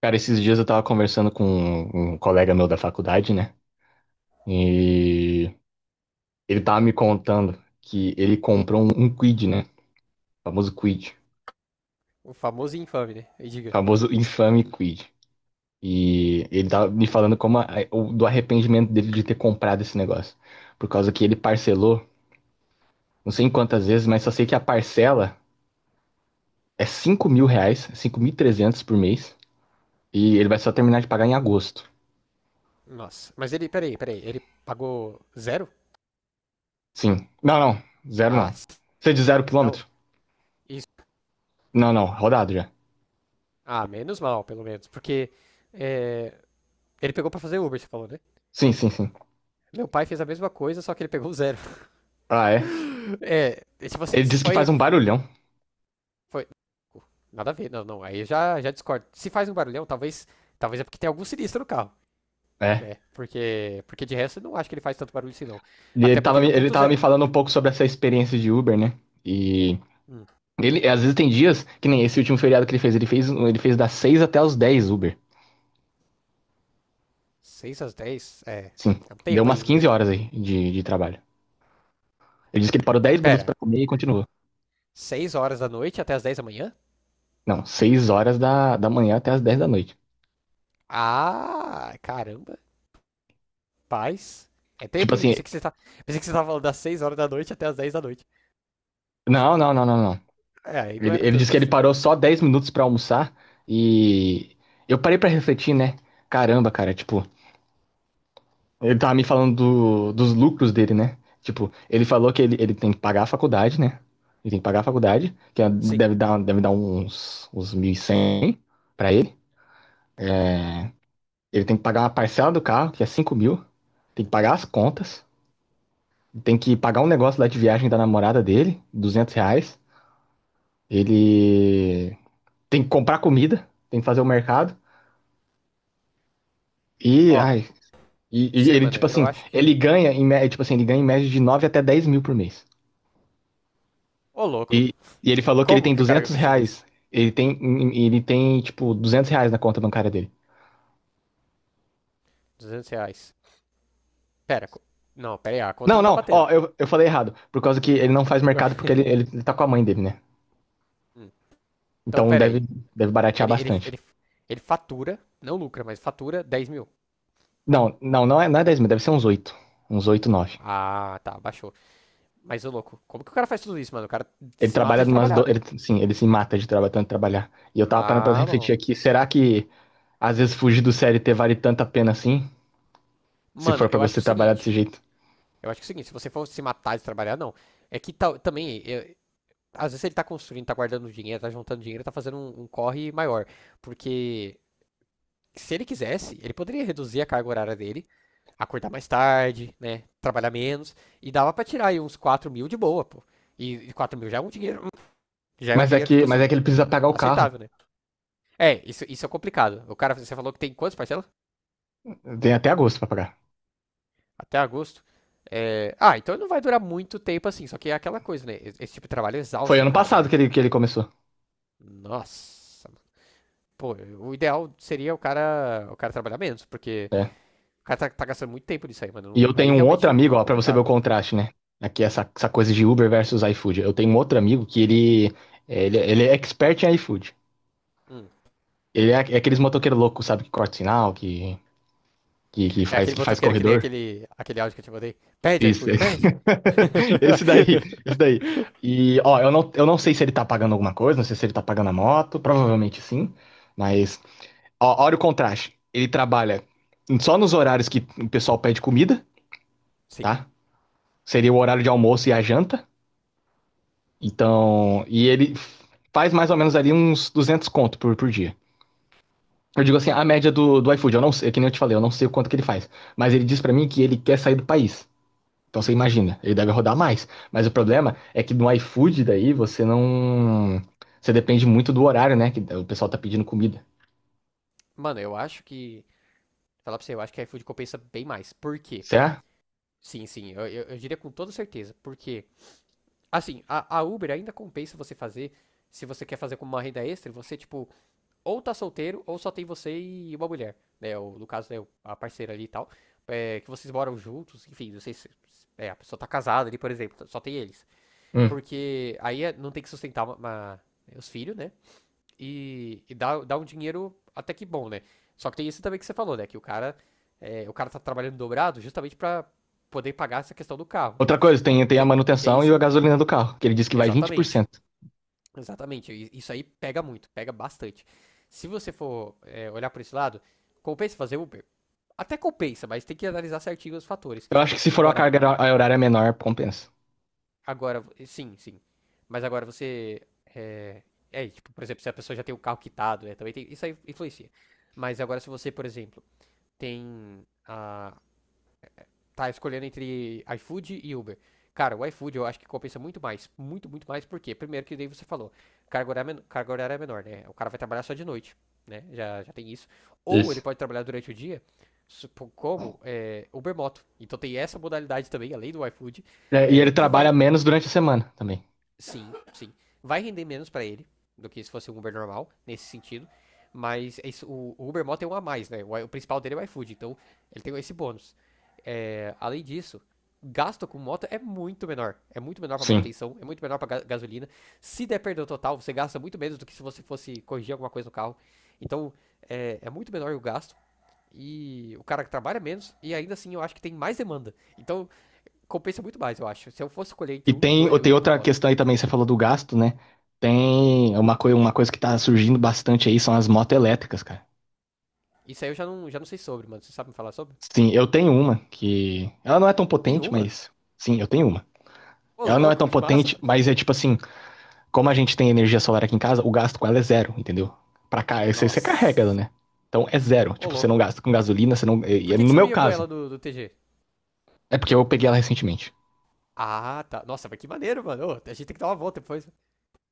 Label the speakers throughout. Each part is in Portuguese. Speaker 1: Cara, esses dias eu tava conversando com um colega meu da faculdade, né? E ele tava me contando que ele comprou um quid, né? Famoso quid.
Speaker 2: O famoso e infame, né? E diga.
Speaker 1: Famoso infame quid. E ele tava me falando como do arrependimento dele de ter comprado esse negócio. Por causa que ele parcelou, não sei em quantas vezes, mas só sei que a parcela é R$ 5.000, 5.300 por mês. E ele vai só terminar de pagar em agosto.
Speaker 2: Nossa. Mas ele, peraí, peraí. Ele pagou zero?
Speaker 1: Sim. Não, não. Zero
Speaker 2: Ah,
Speaker 1: não. Você é de zero
Speaker 2: não.
Speaker 1: quilômetro?
Speaker 2: Isso.
Speaker 1: Não, não. Rodado já.
Speaker 2: Ah, menos mal, pelo menos. Porque é, ele pegou pra fazer Uber, você falou, né?
Speaker 1: Sim, sim, sim.
Speaker 2: Meu pai fez a mesma coisa, só que ele pegou zero.
Speaker 1: Ah, é?
Speaker 2: É, é tipo assim,
Speaker 1: Ele
Speaker 2: isso
Speaker 1: disse que faz
Speaker 2: foi,
Speaker 1: um barulhão.
Speaker 2: foi. Nada a ver, não, não. Aí eu já discordo. Se faz um barulhão, talvez, talvez é porque tem algum sinistro no carro,
Speaker 1: É.
Speaker 2: né? Porque de resto eu não acho que ele faz tanto barulho assim, não.
Speaker 1: E ele
Speaker 2: Até porque
Speaker 1: tava,
Speaker 2: ele é um
Speaker 1: ele
Speaker 2: ponto
Speaker 1: tava me
Speaker 2: zero.
Speaker 1: falando um pouco sobre essa experiência de Uber, né? E
Speaker 2: Hum.
Speaker 1: ele, às vezes tem dias, que nem esse último feriado que ele fez, ele fez das 6 até os 10 Uber.
Speaker 2: 6 às 10. É.
Speaker 1: Sim.
Speaker 2: É um
Speaker 1: Deu
Speaker 2: tempo
Speaker 1: umas
Speaker 2: aí, mano.
Speaker 1: 15 horas aí de trabalho. Ele disse que ele parou 10 minutos
Speaker 2: Pera,
Speaker 1: pra comer e continuou.
Speaker 2: 6 horas da noite até as 10 da manhã?
Speaker 1: Não, 6 horas da manhã até as dez da noite.
Speaker 2: Ah, caramba, paz. É tempo,
Speaker 1: Tipo
Speaker 2: hein?
Speaker 1: assim,
Speaker 2: Pensei que você tava falando das 6 horas da noite até as 10 da noite.
Speaker 1: não, não, não, não, não.
Speaker 2: É, aí não
Speaker 1: Ele,
Speaker 2: era
Speaker 1: ele disse
Speaker 2: tanto
Speaker 1: que ele
Speaker 2: isso. Não.
Speaker 1: parou só 10 minutos pra almoçar e eu parei pra refletir, né? Caramba, cara, tipo, ele tava me falando dos lucros dele, né? Tipo, ele falou que ele tem que pagar a faculdade, né? Ele tem que pagar a faculdade, que
Speaker 2: Sim.
Speaker 1: deve dar uns 1.100 pra ele. Ele tem que pagar uma parcela do carro, que é 5 mil. Tem que pagar as contas. Tem que pagar um negócio lá de viagem da namorada dele, R$ 200. Ele tem que comprar comida, tem que fazer o mercado. E,
Speaker 2: Ó,
Speaker 1: ai,
Speaker 2: você,
Speaker 1: ele,
Speaker 2: mano,
Speaker 1: tipo
Speaker 2: eu
Speaker 1: assim,
Speaker 2: acho
Speaker 1: ele
Speaker 2: que.
Speaker 1: ganha, tipo assim, ele ganha em média de 9 até 10 mil por mês.
Speaker 2: Ô, louco.
Speaker 1: E, e ele falou que ele
Speaker 2: Como
Speaker 1: tem
Speaker 2: que o cara
Speaker 1: 200
Speaker 2: fez tudo isso?
Speaker 1: reais. Ele tem, tipo, R$ 200 na conta bancária dele.
Speaker 2: R$ 200. Pera, não, pera aí, a conta
Speaker 1: Não,
Speaker 2: não tá
Speaker 1: não,
Speaker 2: batendo.
Speaker 1: ó, eu falei errado. Por causa que ele não faz
Speaker 2: Ué.
Speaker 1: mercado porque ele tá com a mãe dele, né?
Speaker 2: Hum, Então,
Speaker 1: Então
Speaker 2: pera
Speaker 1: deve,
Speaker 2: aí.
Speaker 1: deve baratear
Speaker 2: Ele, ele,
Speaker 1: bastante.
Speaker 2: ele, ele fatura, não lucra, mas fatura 10 mil.
Speaker 1: Não, não, não é 10 mil, deve ser uns 8, uns 8 9.
Speaker 2: Ah, tá, baixou. Mas, ô, louco, como que o cara faz tudo isso, mano? O cara
Speaker 1: Ele
Speaker 2: se mata
Speaker 1: trabalha
Speaker 2: de
Speaker 1: umas.
Speaker 2: trabalhar,
Speaker 1: Do...
Speaker 2: né?
Speaker 1: Ele, sim, ele se mata de tanto trabalhar. E eu tava parando pra
Speaker 2: Ah, bom.
Speaker 1: refletir aqui, será que às vezes fugir do CLT vale tanta pena assim? Se
Speaker 2: Mano,
Speaker 1: for pra
Speaker 2: eu acho que
Speaker 1: você
Speaker 2: é o
Speaker 1: trabalhar desse
Speaker 2: seguinte.
Speaker 1: jeito.
Speaker 2: Eu acho que é o seguinte, se você for se matar de trabalhar, não. É que tal também, às vezes ele tá construindo, tá guardando dinheiro, tá juntando dinheiro, tá fazendo um corre maior. Porque se ele quisesse, ele poderia reduzir a carga horária dele, acordar mais tarde, né? Trabalhar menos. E dava pra tirar aí uns 4 mil de boa, pô. E 4 mil já é um dinheiro. Já é um
Speaker 1: Mas é
Speaker 2: dinheiro, tipo
Speaker 1: que, mas é
Speaker 2: assim,
Speaker 1: que ele precisa pagar o carro.
Speaker 2: aceitável, né? É, isso é complicado. O cara, você falou que tem quantas parcelas?
Speaker 1: Tem até agosto pra pagar.
Speaker 2: Até agosto. É, ah, então não vai durar muito tempo assim. Só que é aquela coisa, né? Esse tipo de trabalho
Speaker 1: Foi
Speaker 2: exausta o
Speaker 1: ano
Speaker 2: cara, né,
Speaker 1: passado
Speaker 2: velho?
Speaker 1: que ele, começou.
Speaker 2: Nossa, mano. Pô, o ideal seria o cara trabalhar menos, porque
Speaker 1: É.
Speaker 2: o cara tá gastando muito tempo nisso aí,
Speaker 1: E
Speaker 2: mano.
Speaker 1: eu
Speaker 2: Aí
Speaker 1: tenho um outro
Speaker 2: realmente
Speaker 1: amigo,
Speaker 2: fica
Speaker 1: ó, pra você ver o
Speaker 2: complicado.
Speaker 1: contraste, né? Aqui essa coisa de Uber versus iFood. Eu tenho um outro amigo que ele é expert em iFood.
Speaker 2: Hum.
Speaker 1: Ele é aqueles motoqueiros loucos, sabe? Que corta sinal, que, que, que
Speaker 2: É
Speaker 1: faz,
Speaker 2: aquele
Speaker 1: que faz
Speaker 2: botoqueiro que nem
Speaker 1: corredor.
Speaker 2: aquele áudio que eu te mandei. Pede,
Speaker 1: Isso.
Speaker 2: iFood, pede!
Speaker 1: Esse daí, esse daí. E, ó, eu não sei se ele tá pagando alguma coisa, não sei se ele tá pagando a moto, provavelmente sim. Mas, ó, olha o contraste. Ele trabalha só nos horários que o pessoal pede comida,
Speaker 2: Sim.
Speaker 1: tá? Seria o horário de almoço e a janta. Então, e ele faz mais ou menos ali uns 200 conto por dia. Eu digo assim, a média do iFood, eu não sei, é que nem eu te falei, eu não sei o quanto que ele faz. Mas ele diz pra mim que ele quer sair do país. Então você imagina, ele deve rodar mais. Mas o problema é que no iFood daí você não. Você depende muito do horário, né? Que o pessoal tá pedindo comida.
Speaker 2: Mano, eu acho que. Falar pra você, eu acho que iFood compensa bem mais. Por quê?
Speaker 1: Certo?
Speaker 2: Sim, sim, eu diria com toda certeza. Por quê? Assim, a Uber ainda compensa você fazer. Se você quer fazer como uma renda extra, você, tipo, ou tá solteiro, ou só tem você e uma mulher, né? Ou, no caso, né, a parceira ali e tal. É, que vocês moram juntos, enfim, não sei se. É, a pessoa tá casada ali, por exemplo, só tem eles.
Speaker 1: Hum.
Speaker 2: Porque aí não tem que sustentar os filhos, né? E dá um dinheiro até que bom, né? Só que tem isso também que você falou, né? Que o cara tá trabalhando dobrado justamente pra poder pagar essa questão do carro, né?
Speaker 1: Outra coisa,
Speaker 2: Então
Speaker 1: tem a
Speaker 2: tem
Speaker 1: manutenção e a
Speaker 2: isso.
Speaker 1: gasolina do carro, que ele diz que vai vinte por
Speaker 2: Exatamente.
Speaker 1: cento.
Speaker 2: Exatamente, isso aí pega muito, pega bastante. Se você for olhar por esse lado, compensa fazer Uber? Até compensa, mas tem que analisar certinho os fatores.
Speaker 1: Eu acho que se for uma
Speaker 2: Agora,
Speaker 1: horária menor, compensa.
Speaker 2: agora, sim, sim. Mas agora você, é, é, tipo, por exemplo, se a pessoa já tem o carro quitado, né, também tem, isso aí influencia. Mas agora se você, por exemplo, tem a, tá escolhendo entre iFood e Uber. Cara, o iFood eu acho que compensa muito mais. Muito, muito mais. Por quê? Primeiro que daí você falou, carga horária, carga horária é menor, né? O cara vai trabalhar só de noite, né? Já, já tem isso. Ou ele
Speaker 1: Isso.
Speaker 2: pode trabalhar durante o dia, como é, Uber Moto. Então tem essa modalidade também, além do iFood,
Speaker 1: É, e
Speaker 2: é,
Speaker 1: ele
Speaker 2: que vai.
Speaker 1: trabalha menos durante a semana também.
Speaker 2: Sim, sim. Vai render menos pra ele do que se fosse um Uber normal, nesse sentido. Mas é isso, o Uber Mall tem um a mais, né? O principal dele é o iFood, então ele tem esse bônus. É, além disso, o gasto com moto é muito menor. É muito menor pra
Speaker 1: Sim.
Speaker 2: manutenção, é muito menor pra gasolina. Se der perda total, você gasta muito menos do que se você fosse corrigir alguma coisa no carro. Então, é, é muito menor o gasto. E o cara que trabalha menos, e ainda assim eu acho que tem mais demanda. Então, compensa muito mais, eu acho. Se eu fosse escolher
Speaker 1: E
Speaker 2: entre um dos dois, eu
Speaker 1: tem
Speaker 2: iria pra
Speaker 1: outra
Speaker 2: moto.
Speaker 1: questão aí também, você falou do gasto, né?
Speaker 2: Hum.
Speaker 1: Tem uma coisa que tá surgindo bastante aí, são as motos elétricas, cara.
Speaker 2: Isso aí eu já não sei sobre, mano. Você sabe me falar sobre?
Speaker 1: Sim, eu tenho uma que. Ela não é tão
Speaker 2: Tem
Speaker 1: potente,
Speaker 2: uma?
Speaker 1: mas. Sim, eu tenho uma.
Speaker 2: Ô,
Speaker 1: Ela não é
Speaker 2: louco,
Speaker 1: tão
Speaker 2: que massa,
Speaker 1: potente,
Speaker 2: mano.
Speaker 1: mas é tipo assim, como a gente tem energia solar aqui em casa, o gasto com ela é zero, entendeu? Pra cá, você carrega ela,
Speaker 2: Nossa.
Speaker 1: né? Então é zero.
Speaker 2: Ô,
Speaker 1: Tipo, você não
Speaker 2: louco.
Speaker 1: gasta com gasolina, você não.
Speaker 2: Por que, que
Speaker 1: No
Speaker 2: você não
Speaker 1: meu
Speaker 2: ia com
Speaker 1: caso,
Speaker 2: ela do TG?
Speaker 1: é porque eu peguei ela recentemente.
Speaker 2: Ah, tá. Nossa, mas que maneiro, mano. Ô, a gente tem que dar uma volta depois.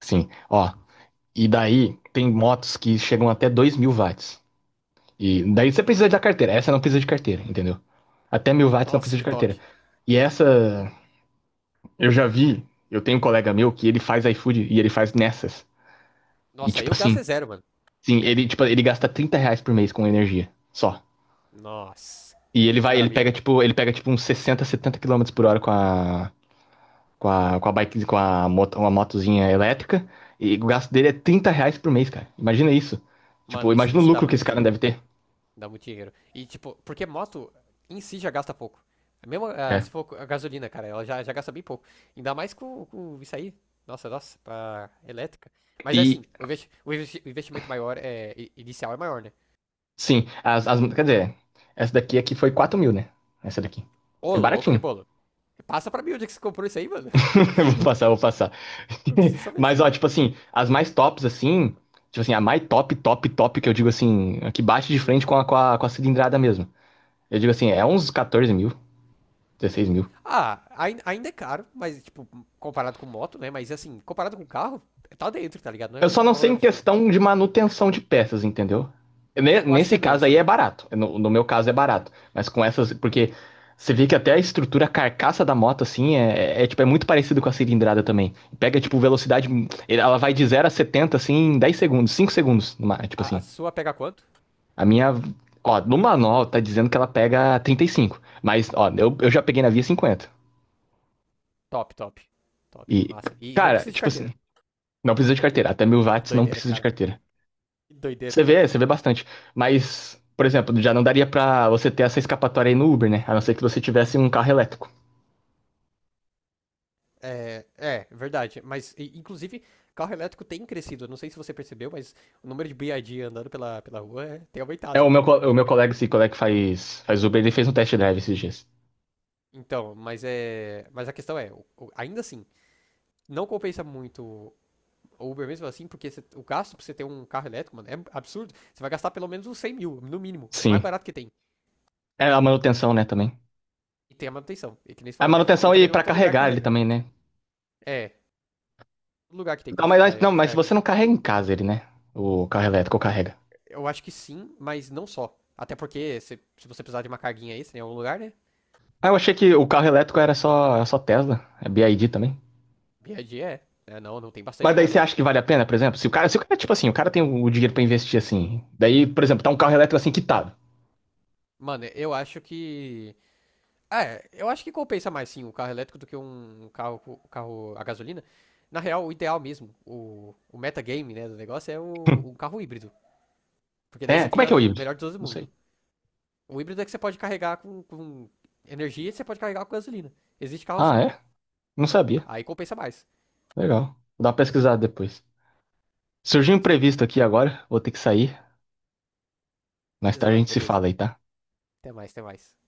Speaker 1: Sim, ó, e daí tem motos que chegam até 2.000 watts. E daí
Speaker 2: Hum.
Speaker 1: você precisa da carteira. Essa não precisa de carteira, entendeu? Até 1.000 watts não
Speaker 2: Nossa,
Speaker 1: precisa
Speaker 2: que
Speaker 1: de
Speaker 2: top.
Speaker 1: carteira. E essa, eu já vi. Eu tenho um colega meu que ele faz iFood e ele faz nessas. E
Speaker 2: Nossa,
Speaker 1: tipo
Speaker 2: aí o gasto é
Speaker 1: assim,
Speaker 2: zero, mano.
Speaker 1: sim, tipo, ele gasta R$ 30 por mês com energia. Só.
Speaker 2: Nossa.
Speaker 1: E
Speaker 2: Que
Speaker 1: ele
Speaker 2: maravilha,
Speaker 1: pega,
Speaker 2: velho.
Speaker 1: tipo, uns 60 70 quilômetros por hora com a. Com a bike, com a moto, uma motozinha elétrica. E o gasto dele é R$ 30 por mês, cara. Imagina isso. Tipo,
Speaker 2: Mano, isso,
Speaker 1: imagina o
Speaker 2: isso dá
Speaker 1: lucro que esse
Speaker 2: muito
Speaker 1: cara
Speaker 2: dinheiro.
Speaker 1: deve ter.
Speaker 2: Dá muito dinheiro. E, tipo, porque moto em si já gasta pouco. É mesmo, ah,
Speaker 1: É.
Speaker 2: se for a gasolina, cara, ela já gasta bem pouco. Ainda mais com isso aí. Nossa, nossa, pra elétrica. Mas
Speaker 1: E,
Speaker 2: assim, o investimento maior é inicial é maior, né?
Speaker 1: sim, as, as. Quer dizer, essa daqui aqui foi 4 mil, né? Essa daqui.
Speaker 2: Ô,
Speaker 1: Foi
Speaker 2: louco,
Speaker 1: baratinho.
Speaker 2: rebolo. Passa pra mim onde é que você comprou isso aí, mano.
Speaker 1: Eu vou passar, eu vou passar.
Speaker 2: Eu preciso saber disso
Speaker 1: Mas, ó,
Speaker 2: aí.
Speaker 1: tipo assim, as mais tops, assim. Tipo assim, a mais top, top, top, que eu digo assim, a que bate de
Speaker 2: Hum,
Speaker 1: frente com a cilindrada mesmo. Eu digo assim, é
Speaker 2: hum.
Speaker 1: uns 14 mil, 16 mil.
Speaker 2: Ah, ainda é caro, mas, tipo, comparado com moto, né? Mas assim, comparado com carro, tá dentro, tá ligado? Não é
Speaker 1: Eu só
Speaker 2: um
Speaker 1: não
Speaker 2: valor
Speaker 1: sei em
Speaker 2: absurdo.
Speaker 1: questão de manutenção de peças, entendeu?
Speaker 2: Eu acho que é
Speaker 1: Nesse
Speaker 2: menos
Speaker 1: caso aí é
Speaker 2: também.
Speaker 1: barato. No meu caso é barato. Mas com essas. Porque você vê que até a estrutura, a carcaça da moto, assim, é, tipo, é muito parecido com a cilindrada também. Pega, tipo, velocidade. Ela vai de zero a 70 assim, em 10 segundos, 5 segundos. Tipo
Speaker 2: A
Speaker 1: assim.
Speaker 2: sua pega quanto?
Speaker 1: A minha. Ó, no manual tá dizendo que ela pega 35. Mas, ó, eu já peguei na via 50.
Speaker 2: Top, top. Top.
Speaker 1: E,
Speaker 2: Massa. E não
Speaker 1: cara,
Speaker 2: precisa de
Speaker 1: tipo
Speaker 2: carteira.
Speaker 1: assim, não precisa de carteira. Até mil
Speaker 2: Que
Speaker 1: watts não
Speaker 2: doideira,
Speaker 1: precisa de
Speaker 2: cara.
Speaker 1: carteira.
Speaker 2: Que doideira.
Speaker 1: Você vê bastante. Mas, por exemplo, já não daria pra você ter essa escapatória aí no Uber, né? A não ser que você tivesse um carro elétrico.
Speaker 2: É, verdade. Mas, inclusive, carro elétrico tem crescido. Eu não sei se você percebeu, mas o número de BID andando pela rua tem
Speaker 1: É,
Speaker 2: aumentado,
Speaker 1: o meu, co- o
Speaker 2: né?
Speaker 1: meu colega, esse colega que faz Uber, ele fez um test drive esses dias.
Speaker 2: Então, mas é. Mas a questão é, ainda assim, não compensa muito o Uber mesmo assim, porque o gasto pra você ter um carro elétrico, mano, é absurdo. Você vai gastar pelo menos uns 100 mil, no mínimo. O mais
Speaker 1: Sim.
Speaker 2: barato que tem.
Speaker 1: É a manutenção, né, também.
Speaker 2: E tem a manutenção, e que nem você
Speaker 1: A
Speaker 2: falou. E
Speaker 1: manutenção
Speaker 2: também
Speaker 1: e
Speaker 2: não é
Speaker 1: pra
Speaker 2: todo lugar que
Speaker 1: carregar ele
Speaker 2: carrega.
Speaker 1: também, né?
Speaker 2: É, todo lugar que tem
Speaker 1: Não,
Speaker 2: posto de
Speaker 1: mas, não,
Speaker 2: carga, de
Speaker 1: mas
Speaker 2: carga.
Speaker 1: você não carrega em casa ele, né? O carro elétrico carrega.
Speaker 2: Eu acho que sim, mas não só. Até porque se você precisar de uma carguinha extra em algum lugar, né?
Speaker 1: Ah, eu achei que o carro elétrico era só Tesla, é BYD também.
Speaker 2: BID é. É. Né? Não, não tem bastante
Speaker 1: Mas
Speaker 2: carro
Speaker 1: daí você acha que
Speaker 2: elétrico.
Speaker 1: vale a pena, por exemplo? Se o cara, tipo assim, o cara tem o dinheiro pra investir assim. Daí, por exemplo, tá um carro elétrico assim quitado.
Speaker 2: Mano, eu acho que. É, eu acho que compensa mais sim o carro elétrico do que um carro a gasolina. Na real, o ideal mesmo, o metagame né, do negócio é um carro híbrido. Porque daí
Speaker 1: É,
Speaker 2: você
Speaker 1: como
Speaker 2: tem
Speaker 1: é que é o
Speaker 2: o
Speaker 1: híbrido?
Speaker 2: melhor de todo
Speaker 1: Não sei.
Speaker 2: mundo. O híbrido é que você pode carregar com energia e você pode carregar com gasolina. Existe carro
Speaker 1: Ah,
Speaker 2: assim.
Speaker 1: é? Não
Speaker 2: É,
Speaker 1: sabia.
Speaker 2: aí compensa mais.
Speaker 1: Legal. Vou dar uma pesquisada depois. Surgiu um
Speaker 2: Isso aí.
Speaker 1: imprevisto aqui agora, vou ter que sair. Mais
Speaker 2: Beleza,
Speaker 1: tarde a
Speaker 2: mano,
Speaker 1: gente se
Speaker 2: beleza.
Speaker 1: fala aí, tá?
Speaker 2: Até mais, até mais.